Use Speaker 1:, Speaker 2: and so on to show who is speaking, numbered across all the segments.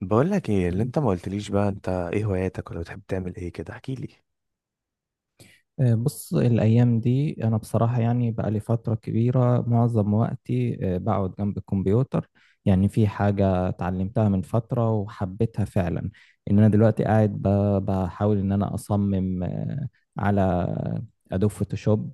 Speaker 1: بقول لك ايه اللي انت ما قلتليش بقى، انت ايه هواياتك، ولا بتحب تعمل ايه كده؟ احكي لي.
Speaker 2: بص الأيام دي أنا بصراحة يعني بقى لي فترة كبيرة معظم وقتي بقعد جنب الكمبيوتر. يعني في حاجة اتعلمتها من فترة وحبيتها فعلا، إن أنا دلوقتي قاعد بحاول إن أنا أصمم على أدوب فوتوشوب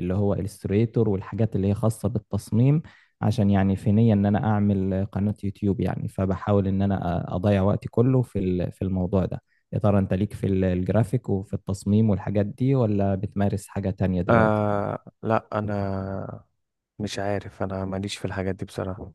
Speaker 2: اللي هو الستريتور والحاجات اللي هي خاصة بالتصميم، عشان يعني في نية ان انا اعمل قناة يوتيوب، يعني فبحاول ان انا اضيع وقتي كله في الموضوع ده. يا ترى انت ليك الجرافيك وفي التصميم والحاجات دي، ولا بتمارس حاجة تانية دلوقتي؟
Speaker 1: آه لا، انا مش عارف، انا ماليش في الحاجات دي بصراحة.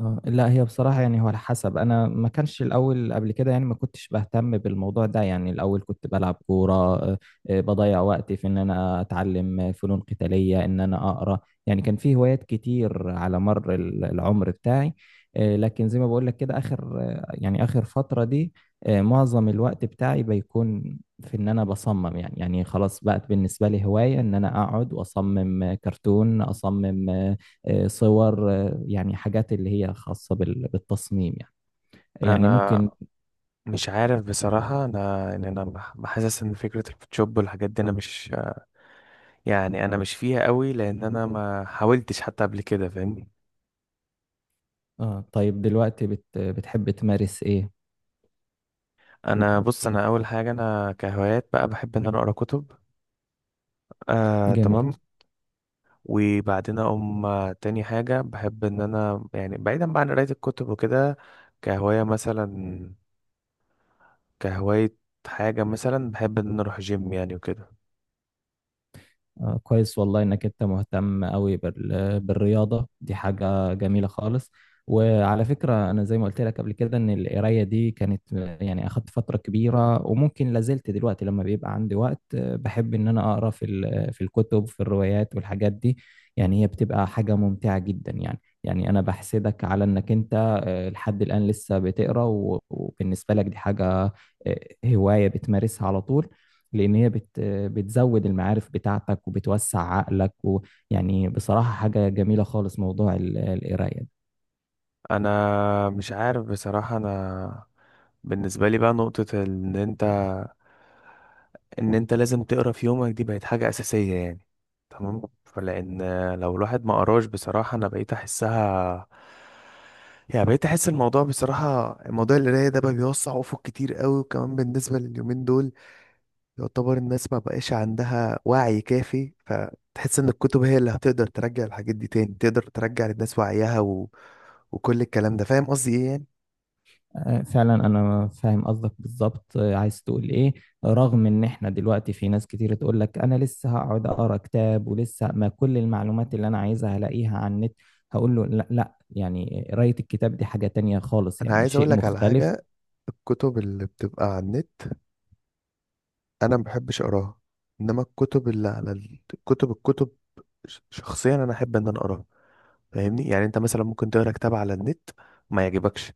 Speaker 2: لا، هي بصراحة يعني هو على حسب، أنا ما كانش الأول قبل كده، يعني ما كنتش بهتم بالموضوع ده، يعني الأول كنت بلعب كورة، بضيع وقتي في إن أنا أتعلم فنون قتالية، إن أنا أقرأ. يعني كان في هوايات كتير على مر العمر بتاعي، لكن زي ما بقول لك كده، آخر يعني آخر فترة دي معظم الوقت بتاعي بيكون في إن أنا بصمم، يعني خلاص بقت بالنسبة لي هواية إن أنا أقعد وأصمم، كرتون، أصمم صور. يعني حاجات اللي هي خاصة بالتصميم يعني، يعني
Speaker 1: انا
Speaker 2: ممكن.
Speaker 1: مش عارف بصراحة، انا ان انا بحسس ان فكرة الفوتوشوب والحاجات دي انا مش، يعني انا مش فيها قوي، لان انا ما حاولتش حتى قبل كده، فاهمني.
Speaker 2: آه، طيب دلوقتي بتحب تمارس إيه؟
Speaker 1: انا بص، انا اول حاجة انا كهوايات بقى بحب ان انا اقرا كتب. آه
Speaker 2: جميل.
Speaker 1: تمام. وبعدين اقوم تاني حاجة بحب ان انا يعني بعيدا بقى عن قراية الكتب وكده، كهواية مثلا، كهواية، حاجة مثلا بحب ان انا اروح جيم يعني وكده.
Speaker 2: كويس والله انك انت مهتم قوي بالرياضه دي، حاجه جميله خالص. وعلى فكره، انا زي ما قلت لك قبل كده ان القرايه دي كانت، يعني اخدت فتره كبيره، وممكن لازلت دلوقتي لما بيبقى عندي وقت بحب ان انا اقرا في الكتب، في الروايات والحاجات دي. يعني هي بتبقى حاجه ممتعه جدا، يعني انا بحسدك على انك انت لحد الان لسه بتقرا وبالنسبه لك دي حاجه، هوايه بتمارسها على طول. لان هي بت بتزود المعارف بتاعتك وبتوسع عقلك، ويعني بصراحة حاجة جميلة خالص موضوع القراية ده.
Speaker 1: انا مش عارف بصراحة، انا بالنسبة لي بقى نقطة ان انت لازم تقرا في يومك، دي بقت حاجة اساسية يعني. تمام، فلان لو الواحد ما قراش بصراحة انا بقيت احسها، يعني بقيت احس الموضوع، بصراحة موضوع القراية ده بقى بيوسع افق كتير قوي، وكمان بالنسبة لليومين دول، يعتبر الناس ما بقاش عندها وعي كافي، فتحس ان الكتب هي اللي هتقدر ترجع الحاجات دي تاني، تقدر ترجع للناس وعيها وكل الكلام ده، فاهم قصدي ايه يعني؟
Speaker 2: فعلا انا فاهم قصدك بالظبط عايز تقول ايه. رغم ان احنا دلوقتي في ناس كتير تقول لك انا لسه هقعد اقرا كتاب، ولسه ما كل المعلومات اللي انا عايزها هلاقيها على النت، هقول له لا، لا، يعني قراية الكتاب دي حاجة تانية خالص،
Speaker 1: انا
Speaker 2: يعني
Speaker 1: عايز اقول
Speaker 2: شيء
Speaker 1: لك على
Speaker 2: مختلف.
Speaker 1: حاجة. الكتب اللي بتبقى على النت انا ما بحبش اقراها، انما الكتب اللي على الكتب، شخصيا انا احب ان انا اقراها، فاهمني. يعني انت مثلا ممكن تقرا كتاب على النت ما يعجبكش،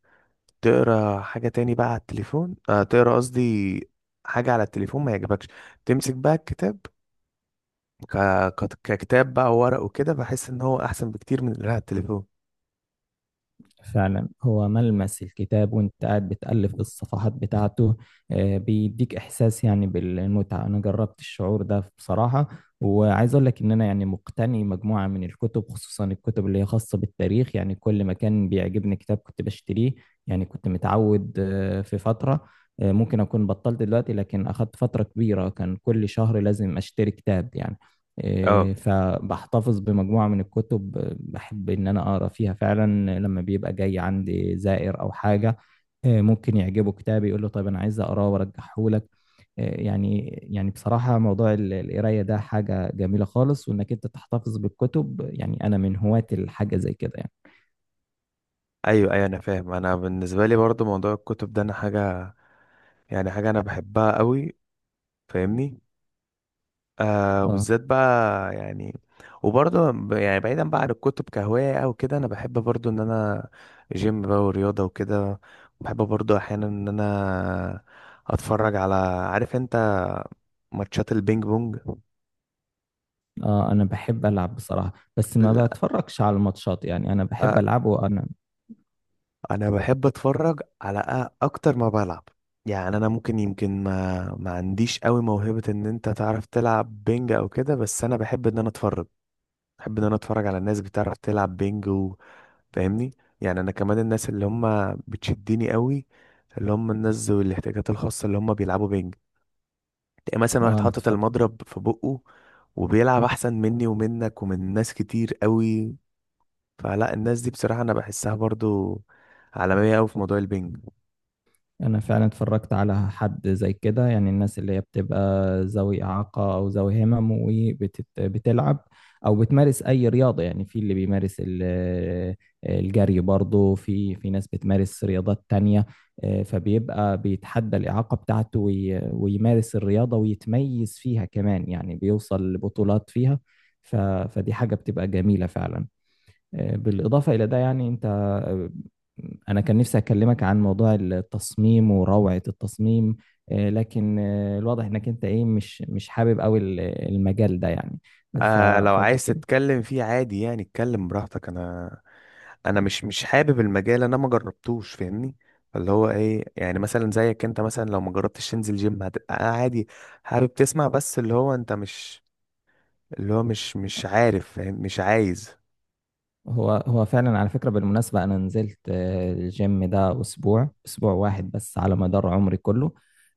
Speaker 1: تقرا حاجة تاني بقى على التليفون، تقرا قصدي حاجة على التليفون ما يعجبكش، تمسك بقى الكتاب ك... ككتاب بقى وورق وكده، بحس ان هو احسن بكتير من اللي على التليفون.
Speaker 2: فعلا، هو ملمس الكتاب وانت قاعد بتألف الصفحات بتاعته بيديك احساس يعني بالمتعة، انا جربت الشعور ده بصراحة. وعايز اقول لك ان انا يعني مقتني مجموعة من الكتب، خصوصا الكتب اللي هي خاصة بالتاريخ، يعني كل ما كان بيعجبني كتاب كنت بشتريه. يعني كنت متعود في فترة، ممكن اكون بطلت دلوقتي، لكن اخدت فترة كبيرة كان كل شهر لازم اشتري كتاب يعني.
Speaker 1: اه،
Speaker 2: إيه، فبحتفظ بمجموعة من الكتب، بحب إن أنا أقرأ فيها فعلا لما بيبقى جاي عندي زائر أو حاجة. إيه، ممكن يعجبه كتاب يقول له طيب أنا عايز أقراه وأرجحهولك. إيه، يعني بصراحة موضوع القراية ده حاجة جميلة خالص، وإنك أنت تحتفظ بالكتب، يعني أنا من هواة الحاجة زي كده يعني.
Speaker 1: ايوه ايوه، انا فاهم. انا بالنسبه لي برضو موضوع الكتب ده انا حاجه، يعني حاجه انا بحبها قوي، فاهمني،
Speaker 2: آه
Speaker 1: بالذات بقى يعني. وبرضه يعني بعيدا بقى عن الكتب كهوايه او كده، انا بحب برضو ان انا جيم بقى ورياضه وكده. بحب برضو احيانا ان انا اتفرج على، عارف انت، ماتشات البينج بونج.
Speaker 2: آه، أنا بحب ألعب بصراحة، بس ما
Speaker 1: لا،
Speaker 2: بتفرجش على الماتشات، يعني أنا بحب ألعب وأنا
Speaker 1: انا بحب اتفرج على اكتر ما بلعب. يعني انا ممكن يمكن ما عنديش قوي موهبة ان انت تعرف تلعب بينج او كده، بس انا بحب ان انا اتفرج، بحب ان انا اتفرج على الناس بتعرف تلعب بينج، وفاهمني. يعني انا كمان الناس اللي هم بتشدني قوي، اللي هم الناس ذوي الاحتياجات الخاصة اللي هم بيلعبوا بينج، تلاقي مثلا واحد
Speaker 2: آه أنا
Speaker 1: حاطط المضرب في بقه وبيلعب احسن مني ومنك ومن ناس كتير قوي. فلا، الناس دي بصراحة انا بحسها برضو عالمية قوي في موضوع البينج.
Speaker 2: انا فعلا اتفرجت على حد زي كده، يعني الناس اللي هي بتبقى ذوي اعاقه او ذوي همم وبتلعب، او بتمارس اي رياضه، يعني في اللي بيمارس الجري برضه، في ناس بتمارس رياضات تانية، فبيبقى بيتحدى الاعاقه بتاعته ويمارس الرياضه ويتميز فيها كمان، يعني بيوصل لبطولات فيها. ف- فدي حاجه بتبقى جميله فعلا. بالإضافة إلى ده يعني أنت أنا كان نفسي أكلمك عن موضوع التصميم وروعة التصميم، لكن الواضح إنك أنت إيه مش حابب أوي المجال ده يعني.
Speaker 1: آه، لو عايز
Speaker 2: فممكن.
Speaker 1: تتكلم فيه عادي، يعني اتكلم براحتك انا. انا مش حابب المجال، انا ما جربتوش، فاهمني. اللي هو ايه يعني، مثلا زيك انت مثلا، لو ما جربتش تنزل جيم هتبقى عادي، حابب تسمع بس، اللي هو انت مش، اللي هو مش عارف فاهم مش عايز.
Speaker 2: هو فعلا على فكرة بالمناسبة أنا نزلت الجيم ده أسبوع واحد بس على مدار عمري كله،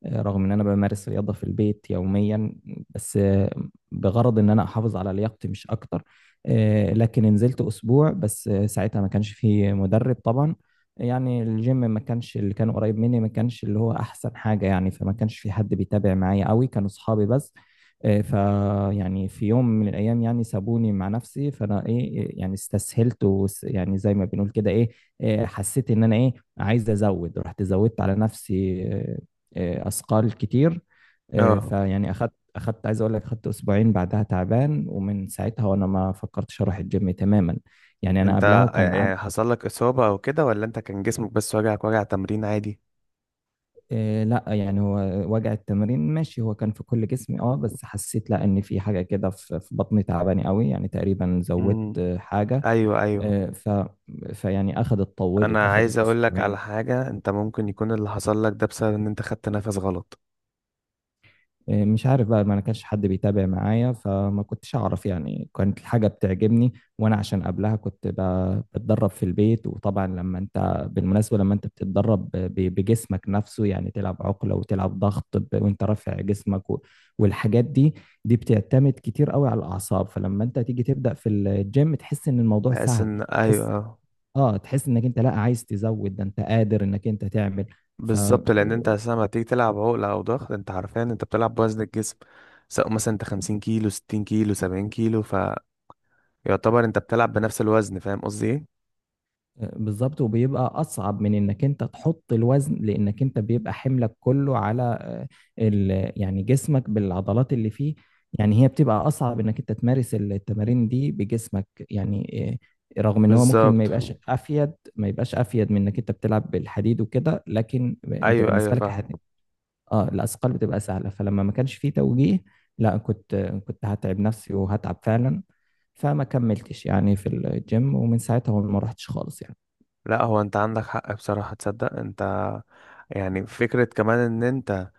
Speaker 2: رغم إن أنا بمارس رياضة في البيت يوميا، بس بغرض إن أنا أحافظ على لياقتي مش أكتر. لكن نزلت أسبوع بس، ساعتها ما كانش فيه مدرب طبعا. يعني الجيم ما كانش، اللي كان قريب مني ما كانش اللي هو أحسن حاجة، يعني فما كانش في حد بيتابع معايا قوي، كانوا أصحابي بس. فيعني في يوم من الايام يعني سابوني مع نفسي، فانا ايه يعني استسهلت، يعني زي ما بنقول كده ايه، إيه، حسيت ان انا ايه عايز ازود، رحت زودت على نفسي اثقال كتير،
Speaker 1: اه،
Speaker 2: فيعني اخدت عايز اقول لك اخدت اسبوعين بعدها تعبان، ومن ساعتها وانا ما فكرتش اروح الجيم تماما. يعني انا
Speaker 1: انت
Speaker 2: قبلها كان
Speaker 1: يعني حصل لك اصابة او كده، ولا انت كان جسمك بس وجعك وجع تمرين عادي؟
Speaker 2: إيه، لا يعني هو وجع التمرين ماشي، هو كان في كل جسمي، اه بس حسيت لا ان في حاجه كده في بطني تعباني قوي، يعني تقريبا زودت
Speaker 1: امم،
Speaker 2: حاجه،
Speaker 1: ايوه ايوه.
Speaker 2: آه، ف فيعني طولت
Speaker 1: انا عايز
Speaker 2: اخذت
Speaker 1: اقول لك على
Speaker 2: اسبوعين.
Speaker 1: حاجة. انت ممكن يكون اللي حصل لك ده بسبب ان انت خدت نفس غلط،
Speaker 2: إيه، مش عارف بقى، ما انا كانش حد بيتابع معايا فما كنتش اعرف، يعني كانت الحاجة بتعجبني، وانا عشان قبلها كنت بتدرب في البيت، وطبعا لما انت بالمناسبة لما انت بتتدرب بجسمك نفسه، يعني تلعب عقلة وتلعب ضغط وانت رافع جسمك والحاجات دي، بتعتمد كتير قوي على الاعصاب. فلما انت تيجي تبدأ في الجيم تحس ان الموضوع
Speaker 1: بحيث
Speaker 2: سهل،
Speaker 1: ان،
Speaker 2: تحس
Speaker 1: ايوه.
Speaker 2: اه تحس انك انت لا عايز تزود، ده انت قادر انك انت تعمل. ف
Speaker 1: بالظبط، لان انت
Speaker 2: آه،
Speaker 1: اساسا لما تيجي تلعب عقله او ضغط، انت حرفيا انت بتلعب بوزن الجسم، سواء مثلا انت 50 كيلو، 60 كيلو، 70 كيلو، فيعتبر انت بتلعب بنفس الوزن، فاهم قصدي ايه؟
Speaker 2: بالظبط. وبيبقى اصعب من انك انت تحط الوزن، لانك انت بيبقى حملك كله على يعني جسمك بالعضلات اللي فيه، يعني هي بتبقى اصعب انك انت تمارس التمارين دي بجسمك يعني، رغم ان هو ممكن ما
Speaker 1: بالظبط.
Speaker 2: يبقاش افيد، من انك انت بتلعب بالحديد وكده، لكن انت
Speaker 1: ايوه ايوه
Speaker 2: بالنسبه لك
Speaker 1: فاهم.
Speaker 2: الحديد، اه الاثقال بتبقى سهله. فلما ما كانش فيه توجيه، لا كنت هتعب نفسي وهتعب فعلا، فما كملتش يعني في الجيم، ومن ساعتها ما رحتش خالص يعني.
Speaker 1: لا هو انت عندك حق بصراحه، تصدق انت، يعني فكره كمان ان انت،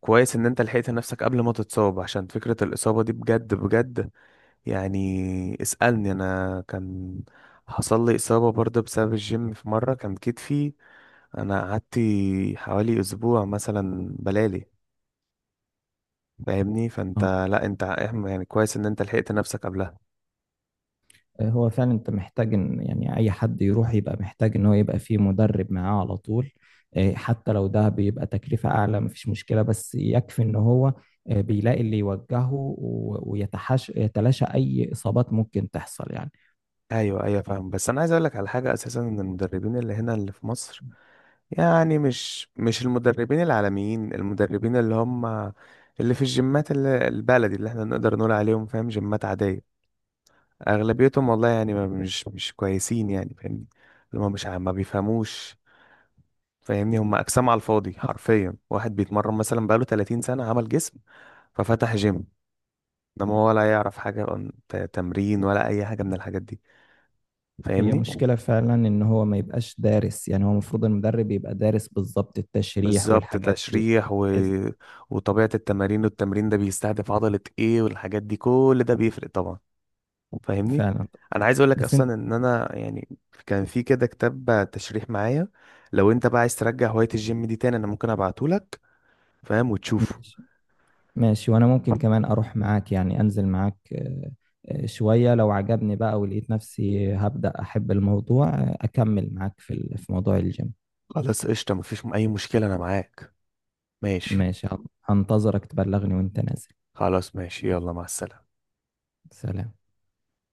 Speaker 1: كويس ان انت لحقت نفسك قبل ما تتصاب عشان فكره الاصابه دي بجد بجد. يعني اسالني انا، كان حصل لي اصابه برضه بسبب الجيم في مره، كان كتفي، انا قعدت حوالي اسبوع مثلا بلالي، فاهمني. فانت
Speaker 2: اه،
Speaker 1: لا انت، احنا يعني كويس ان انت لحقت نفسك قبلها.
Speaker 2: هو فعلا انت محتاج ان يعني اي حد يروح يبقى محتاج ان هو يبقى فيه مدرب معاه على طول، حتى لو ده بيبقى تكلفة اعلى مفيش مشكلة، بس يكفي ان هو بيلاقي اللي يوجهه و يتلاشى اي اصابات ممكن تحصل يعني.
Speaker 1: ايوه ايوه فاهم. بس انا عايز اقول لك على حاجه، اساسا ان المدربين اللي هنا اللي في مصر، يعني مش المدربين العالميين، المدربين اللي هم اللي في الجيمات، اللي البلدي اللي احنا نقدر نقول عليهم فاهم جيمات عاديه، اغلبيتهم والله يعني ما مش كويسين يعني، فاهمني. اللي هم مش ما بيفهموش، فاهمني. هم اجسام على الفاضي، حرفيا واحد بيتمرن مثلا بقاله 30 سنه عمل جسم ففتح جيم، ده ما هو ولا يعرف حاجة عن تمرين ولا أي حاجة من الحاجات دي،
Speaker 2: هي
Speaker 1: فاهمني.
Speaker 2: مشكلة فعلا ان هو ما يبقاش دارس، يعني هو المفروض المدرب يبقى دارس بالظبط التشريح
Speaker 1: بالظبط،
Speaker 2: والحاجات دي.
Speaker 1: تشريح
Speaker 2: حز-
Speaker 1: وطبيعة التمارين، والتمرين ده بيستهدف عضلة ايه، والحاجات دي كل ده بيفرق طبعا، فاهمني.
Speaker 2: فعلا.
Speaker 1: أنا عايز أقولك
Speaker 2: بس انت
Speaker 1: أصلا إن أنا يعني كان في كده كتاب تشريح معايا، لو أنت بقى عايز ترجع هواية الجيم دي تاني أنا ممكن أبعتهولك، فاهم وتشوفه.
Speaker 2: ماشي، ماشي. وانا ممكن كمان اروح معاك، يعني انزل معاك شوية، لو عجبني بقى ولقيت نفسي هبدأ احب الموضوع اكمل معاك في موضوع الجيم.
Speaker 1: خلاص قشطة، مفيش أي مشكلة أنا معاك. ماشي.
Speaker 2: ماشي. هنتظرك تبلغني وانت نازل.
Speaker 1: خلاص ماشي، يلا مع السلامة.
Speaker 2: سلام.